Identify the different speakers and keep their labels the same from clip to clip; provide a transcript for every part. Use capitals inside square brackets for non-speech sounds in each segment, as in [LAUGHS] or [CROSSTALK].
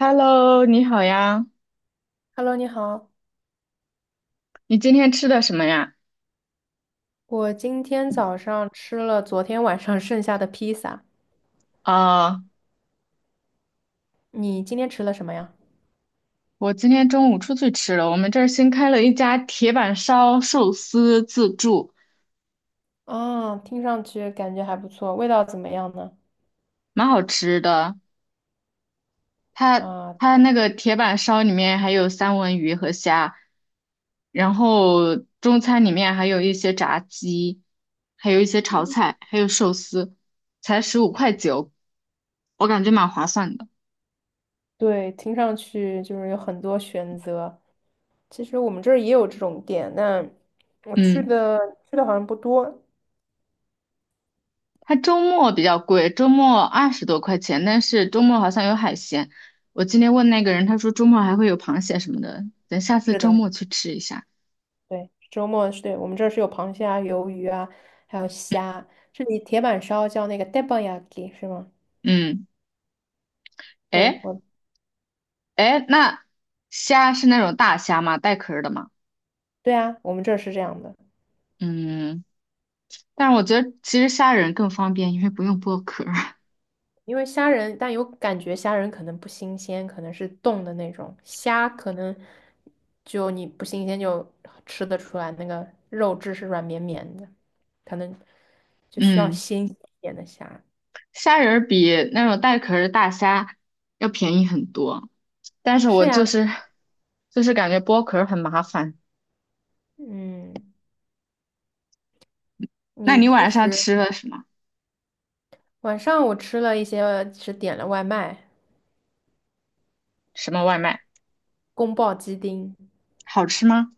Speaker 1: Hello，你好呀，
Speaker 2: Hello，你好，
Speaker 1: 你今天吃的什么呀？
Speaker 2: 我今天早上吃了昨天晚上 [LAUGHS] 剩下的披萨，
Speaker 1: 啊、
Speaker 2: 你今天吃了什么呀？
Speaker 1: 我今天中午出去吃了，我们这儿新开了一家铁板烧寿司自助，
Speaker 2: 啊，听上去感觉还不错，味道怎么样呢？
Speaker 1: 蛮好吃的。它
Speaker 2: 啊，
Speaker 1: 它那个铁板烧里面还有三文鱼和虾，然后中餐里面还有一些炸鸡，还有一些炒菜，还有寿司，才15块9，我感觉蛮划算的。
Speaker 2: 对，听上去就是有很多选择。其实我们这儿也有这种店，但我去
Speaker 1: 嗯。
Speaker 2: 的去的好像不多。
Speaker 1: 它周末比较贵，周末20多块钱，但是周末好像有海鲜。我今天问那个人，他说周末还会有螃蟹什么的，等下次
Speaker 2: 是
Speaker 1: 周
Speaker 2: 的，
Speaker 1: 末去吃一下。
Speaker 2: 对，周末是对我们这儿是有螃蟹啊、鱿鱼啊，还有虾。这里铁板烧叫那个 teppanyaki 是吗？
Speaker 1: 嗯，
Speaker 2: 对，
Speaker 1: 哎哎，那虾是那种大虾吗？带壳儿的吗？
Speaker 2: 对啊，我们这儿是这样的。
Speaker 1: 嗯，但是我觉得其实虾仁更方便，因为不用剥壳儿。[LAUGHS]
Speaker 2: 因为虾仁，但有感觉虾仁可能不新鲜，可能是冻的那种虾，可能就你不新鲜就吃得出来，那个肉质是软绵绵的，可能就需要
Speaker 1: 嗯，
Speaker 2: 新鲜一点的虾。
Speaker 1: 虾仁儿比那种带壳儿的大虾要便宜很多，但是
Speaker 2: 是
Speaker 1: 我就
Speaker 2: 呀，
Speaker 1: 是感觉剥壳儿很麻烦。
Speaker 2: 嗯，
Speaker 1: 那
Speaker 2: 你
Speaker 1: 你
Speaker 2: 平
Speaker 1: 晚上
Speaker 2: 时
Speaker 1: 吃了什么？
Speaker 2: 晚上我吃了一些，是点了外卖，
Speaker 1: 什么外卖？
Speaker 2: 宫爆鸡丁，
Speaker 1: 好吃吗？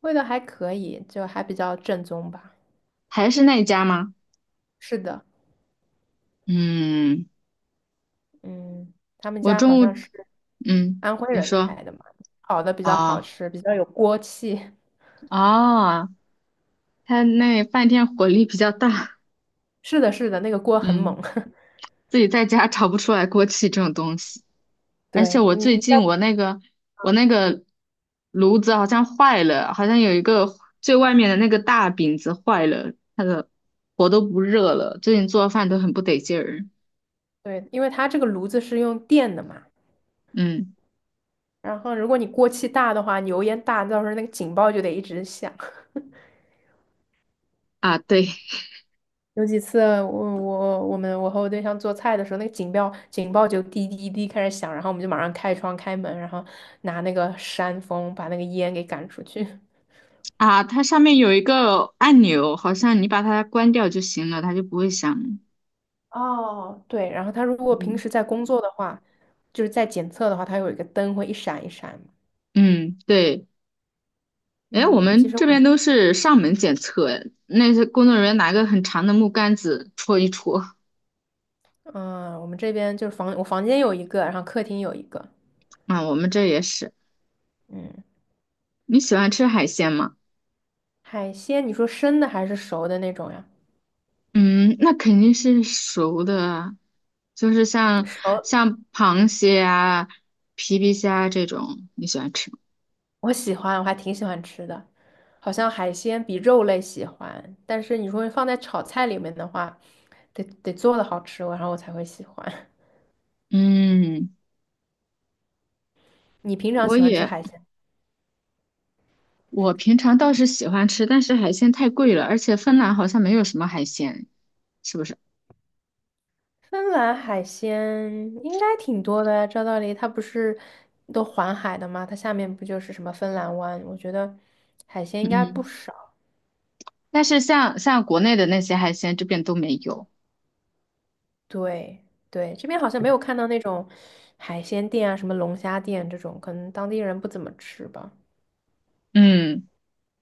Speaker 2: 味道还可以，就还比较正宗吧。
Speaker 1: 还是那一家吗？
Speaker 2: 是的，
Speaker 1: 嗯，
Speaker 2: 嗯，他们
Speaker 1: 我
Speaker 2: 家好
Speaker 1: 中午，
Speaker 2: 像是。
Speaker 1: 嗯，
Speaker 2: 安徽
Speaker 1: 你
Speaker 2: 人
Speaker 1: 说
Speaker 2: 开的嘛，烤的比较好
Speaker 1: 啊，
Speaker 2: 吃，比较有锅气。[LAUGHS]
Speaker 1: 哦，他那饭店火力比较大，
Speaker 2: 是的，是的，那个锅很猛。
Speaker 1: 嗯，
Speaker 2: [LAUGHS]
Speaker 1: 自己在家炒不出来锅气这种东西。而且
Speaker 2: 对，
Speaker 1: 我
Speaker 2: 嗯
Speaker 1: 最
Speaker 2: 你在
Speaker 1: 近我那个我那个炉子好像坏了，好像有一个最外面的那个大饼子坏了，它的火都不热了，最近做饭都很不得劲儿。
Speaker 2: 对，因为它这个炉子是用电的嘛，
Speaker 1: 嗯
Speaker 2: 然后如果你锅气大的话，你油烟大，到时候那个警报就得一直响。[LAUGHS]
Speaker 1: 啊，对，
Speaker 2: 有几次我和我对象做菜的时候，那个警报就滴滴滴开始响，然后我们就马上开窗开门，然后拿那个扇风把那个烟给赶出去。
Speaker 1: 啊，它上面有一个按钮，好像你把它关掉就行了，它就不会响。
Speaker 2: 哦，对，然后它如果平
Speaker 1: 嗯
Speaker 2: 时在工作的话，就是在检测的话，它有一个灯会一闪一闪。
Speaker 1: 嗯，对。哎，我
Speaker 2: 嗯，其
Speaker 1: 们
Speaker 2: 实
Speaker 1: 这
Speaker 2: 我
Speaker 1: 边
Speaker 2: 们
Speaker 1: 都是上门检测，哎那些工作人员拿个很长的木杆子戳一戳。
Speaker 2: 嗯、我们这边就是房，我房间有一个，然后客厅有一个。
Speaker 1: 啊，我们这也是。
Speaker 2: 嗯，
Speaker 1: 你喜欢吃海鲜吗？
Speaker 2: 海鲜，你说生的还是熟的那种呀？
Speaker 1: 嗯，那肯定是熟的啊，就是像
Speaker 2: 熟，
Speaker 1: 螃蟹啊、皮皮虾这种，你喜欢吃吗？
Speaker 2: 我喜欢，我还挺喜欢吃的，好像海鲜比肉类喜欢，但是你说放在炒菜里面的话，得做的好吃，然后我才会喜欢。
Speaker 1: 嗯，
Speaker 2: [LAUGHS] 你平常
Speaker 1: 我
Speaker 2: 喜欢吃
Speaker 1: 也。
Speaker 2: 海鲜吗？
Speaker 1: 我平常倒是喜欢吃，但是海鲜太贵了，而且芬兰好像没有什么海鲜，是不是？
Speaker 2: 芬兰海鲜应该挺多的呀，照道理它不是都环海的吗？它下面不就是什么芬兰湾？我觉得海鲜应
Speaker 1: 嗯
Speaker 2: 该不
Speaker 1: 嗯，
Speaker 2: 少。
Speaker 1: 但是像国内的那些海鲜，这边都没有。
Speaker 2: 对对，这边好像没有看到那种海鲜店啊，什么龙虾店这种，可能当地人不怎么吃吧。
Speaker 1: 嗯，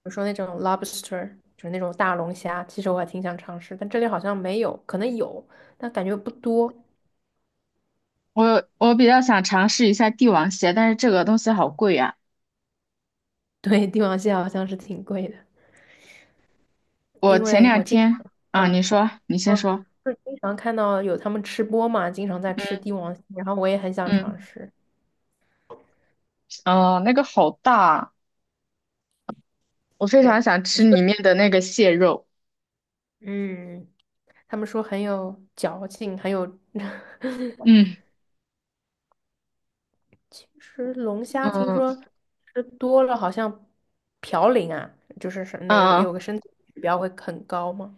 Speaker 2: 比如说那种 lobster，就是那种大龙虾，其实我还挺想尝试，但这里好像没有，可能有，但感觉不多。[LAUGHS]
Speaker 1: 我比较想尝试一下帝王蟹，但是这个东西好贵啊。
Speaker 2: 对，帝王蟹好像是挺贵的，
Speaker 1: 我
Speaker 2: 因
Speaker 1: 前
Speaker 2: 为
Speaker 1: 两
Speaker 2: 我经
Speaker 1: 天
Speaker 2: 常。
Speaker 1: 啊，
Speaker 2: 嗯
Speaker 1: 你说，你先
Speaker 2: 嗯，
Speaker 1: 说。
Speaker 2: 就是经常看到有他们吃播嘛，经常在吃
Speaker 1: 嗯
Speaker 2: 帝王蟹，然后我也很想
Speaker 1: 嗯，
Speaker 2: 尝试。
Speaker 1: 哦，那个好大啊，我非
Speaker 2: 对，
Speaker 1: 常想吃
Speaker 2: 一个
Speaker 1: 里面的那个蟹肉。
Speaker 2: [LAUGHS]，嗯，他们说很有嚼劲，很有。[LAUGHS]
Speaker 1: 嗯
Speaker 2: 其实龙虾听
Speaker 1: 嗯
Speaker 2: 说吃多了好像嘌呤啊，就是是那有
Speaker 1: 嗯，
Speaker 2: 有
Speaker 1: 嗯
Speaker 2: 个身体指标会很高吗？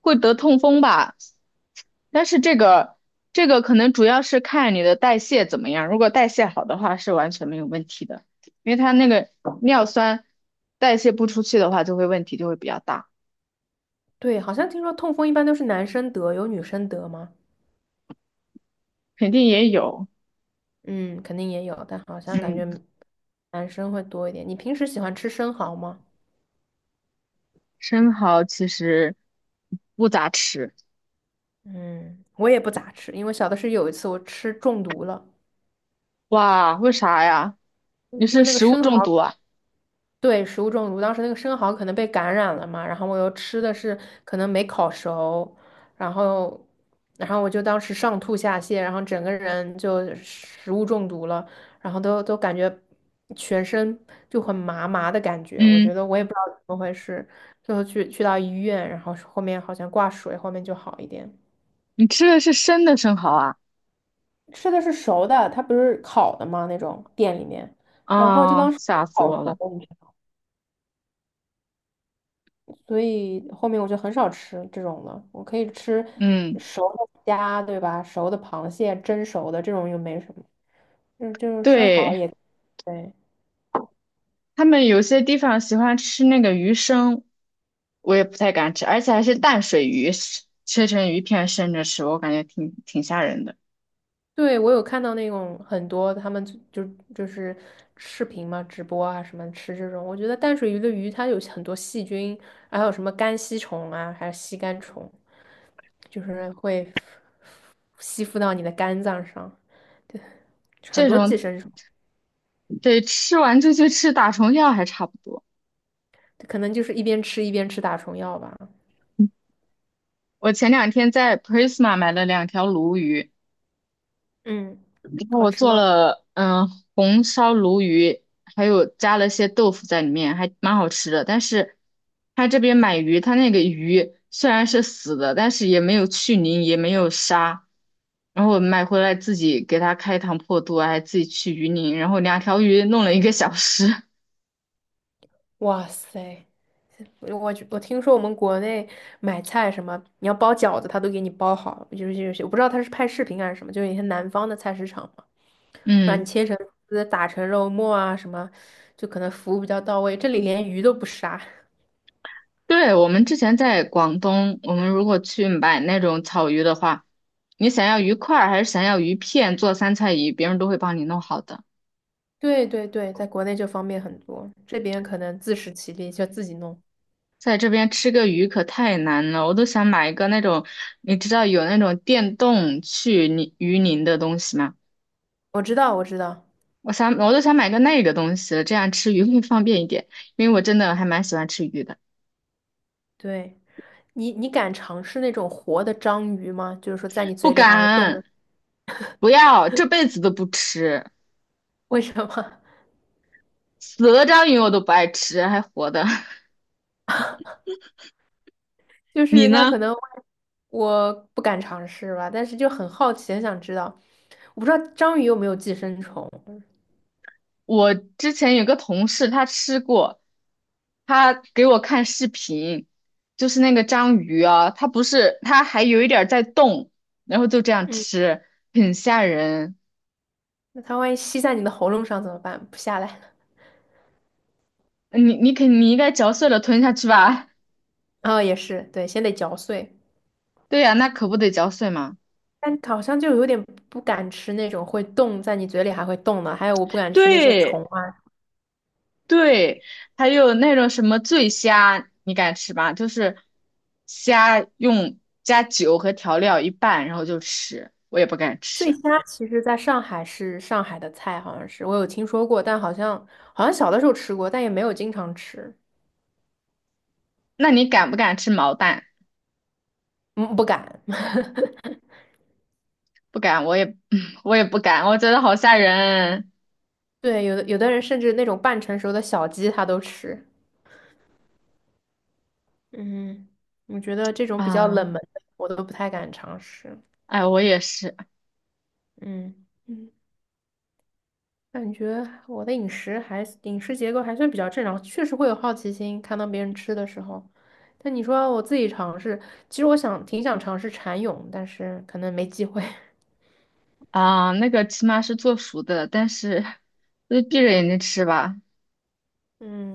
Speaker 1: 会得痛风吧。但是这个可能主要是看你的代谢怎么样，如果代谢好的话是完全没有问题的，因为它那个尿酸代谢不出去的话，就会问题就会比较大，
Speaker 2: 对，好像听说痛风一般都是男生得，有女生得吗？
Speaker 1: 肯定也有。
Speaker 2: 嗯，肯定也有，但好像感觉
Speaker 1: 嗯，
Speaker 2: 男生会多一点。你平时喜欢吃生蚝吗？
Speaker 1: 生蚝其实不咋吃，
Speaker 2: 嗯，我也不咋吃，因为小的是有一次我吃中毒了，
Speaker 1: 哇，为啥呀？
Speaker 2: 因
Speaker 1: 你
Speaker 2: 为
Speaker 1: 是
Speaker 2: 那个
Speaker 1: 食物
Speaker 2: 生
Speaker 1: 中毒
Speaker 2: 蚝，
Speaker 1: 啊？
Speaker 2: 对，食物中毒，当时那个生蚝可能被感染了嘛，然后我又吃的是可能没烤熟，然后，然后我就当时上吐下泻，然后整个人就食物中毒了，然后都感觉全身就很麻麻的感觉，我觉
Speaker 1: 嗯，
Speaker 2: 得我也不知道怎么回事，最后去到医院，然后后面好像挂水，后面就好一点。
Speaker 1: 你吃的是生的生蚝啊？
Speaker 2: 吃的是熟的，它不是烤的吗？那种店里面，然后就当
Speaker 1: 啊，
Speaker 2: 是没
Speaker 1: 吓死
Speaker 2: 烤
Speaker 1: 我
Speaker 2: 熟
Speaker 1: 了。
Speaker 2: 你知道吗，所以后面我就很少吃这种了。我可以吃
Speaker 1: 嗯，
Speaker 2: 熟的虾，对吧？熟的螃蟹，蒸熟的这种又没什么，就是生蚝也
Speaker 1: 对。
Speaker 2: 对。
Speaker 1: 他们有些地方喜欢吃那个鱼生，我也不太敢吃，而且还是淡水鱼，是切成鱼片生着吃，我感觉挺挺吓人的。
Speaker 2: 对，我有看到那种很多他们就就是视频嘛，直播啊什么吃这种，我觉得淡水鱼的鱼它有很多细菌，还有什么肝吸虫啊，还有吸肝虫，就是会吸附到你的肝脏上。很
Speaker 1: 这
Speaker 2: 多寄
Speaker 1: 种
Speaker 2: 生虫，
Speaker 1: 得吃完就去吃打虫药还差不多。
Speaker 2: 可能就是一边吃一边吃打虫药吧。
Speaker 1: 我前两天在 Prisma 买了2条鲈鱼，
Speaker 2: 嗯，
Speaker 1: 然后
Speaker 2: 好
Speaker 1: 我
Speaker 2: 吃
Speaker 1: 做
Speaker 2: 吗？
Speaker 1: 了红烧鲈鱼，还有加了些豆腐在里面，还蛮好吃的。但是他这边买鱼，他那个鱼虽然是死的，但是也没有去鳞，也没有杀。然后我买回来自己给它开膛破肚啊还自己去鱼鳞，然后2条鱼弄了1个小时。
Speaker 2: 哇塞，我听说我们国内买菜什么，你要包饺子，他都给你包好，就是我不知道他是拍视频还是什么，就是一些南方的菜市场嘛，让你
Speaker 1: 嗯，
Speaker 2: 切成丝，打成肉末啊什么，就可能服务比较到位。这里连鱼都不杀。
Speaker 1: 对，我们之前在广东，我们如果去买那种草鱼的话，你想要鱼块儿还是想要鱼片做三菜鱼，别人都会帮你弄好的。
Speaker 2: 对对对，在国内就方便很多，这边可能自食其力，就自己弄。
Speaker 1: 在这边吃个鱼可太难了，我都想买一个那种，你知道有那种电动去泥鱼鳞的东西吗？
Speaker 2: 我知道，我知道。
Speaker 1: 我想，我都想买个那个东西了这样吃鱼会方便一点，因为我真的还蛮喜欢吃鱼的。
Speaker 2: 对，你敢尝试那种活的章鱼吗？就是说在你
Speaker 1: 不
Speaker 2: 嘴里还会动的，
Speaker 1: 敢，不要，这辈子都不吃，
Speaker 2: [LAUGHS] 为什么？
Speaker 1: 死了章鱼我都不爱吃，还活的。[LAUGHS]
Speaker 2: [LAUGHS] 就
Speaker 1: 你
Speaker 2: 是它可
Speaker 1: 呢？
Speaker 2: 能。我不敢尝试吧，但是就很好奇，很想知道。我不知道章鱼有没有寄生虫，
Speaker 1: 我之前有个同事，他吃过，他给我看视频，就是那个章鱼啊，它不是，它还有一点儿在动，然后就这样
Speaker 2: 嗯，
Speaker 1: 吃，很吓人。
Speaker 2: 那它万一吸在你的喉咙上怎么办？不下来了。
Speaker 1: 你应该嚼碎了吞下去吧？
Speaker 2: 哦，也是，对，先得嚼碎。
Speaker 1: [LAUGHS] 对呀、那可不得嚼碎吗？
Speaker 2: 但好像就有点不敢吃那种会动，在你嘴里还会动的，还有我不敢吃那些
Speaker 1: 对
Speaker 2: 虫啊。
Speaker 1: 对，还有那种什么醉虾，你敢吃吗？就是虾用加酒和调料一拌，然后就吃，我也不敢
Speaker 2: 醉
Speaker 1: 吃。
Speaker 2: 虾其实在上海是上海的菜，好像是我有听说过，但好像小的时候吃过，但也没有经常吃，
Speaker 1: 那你敢不敢吃毛蛋？
Speaker 2: 嗯，不敢。[LAUGHS]
Speaker 1: 不敢，我也 [CLEARS THROAT]，[LAUGHS] 嗯我也不敢，我觉得好吓人
Speaker 2: 对，有的人甚至那种半成熟的小鸡他都吃。嗯，我觉得这种比较冷
Speaker 1: 啊！
Speaker 2: 门的我都不太敢尝试。
Speaker 1: 哎，我也是
Speaker 2: 嗯嗯，感觉我的饮食结构还算比较正常，确实会有好奇心，看到别人吃的时候。但你说我自己尝试，其实我想挺想尝试蚕蛹，但是可能没机会。[LAUGHS]
Speaker 1: 啊，那个起码是做熟的，但是就闭着眼睛吃吧。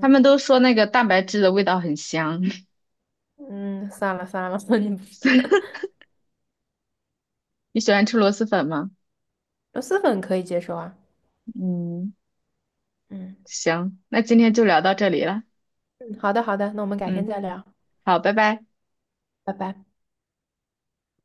Speaker 1: 他们都说那个蛋白质的味道很香，
Speaker 2: 嗯，算了算了，[LAUGHS] 你不
Speaker 1: [LAUGHS] 你喜欢吃螺蛳粉吗？
Speaker 2: 螺蛳粉可以接受啊。
Speaker 1: 嗯，
Speaker 2: 嗯
Speaker 1: 行，那今天就聊到这里了。
Speaker 2: 嗯，好的好的，那我们改天
Speaker 1: 嗯，
Speaker 2: 再聊，
Speaker 1: 好，拜拜。
Speaker 2: 拜拜。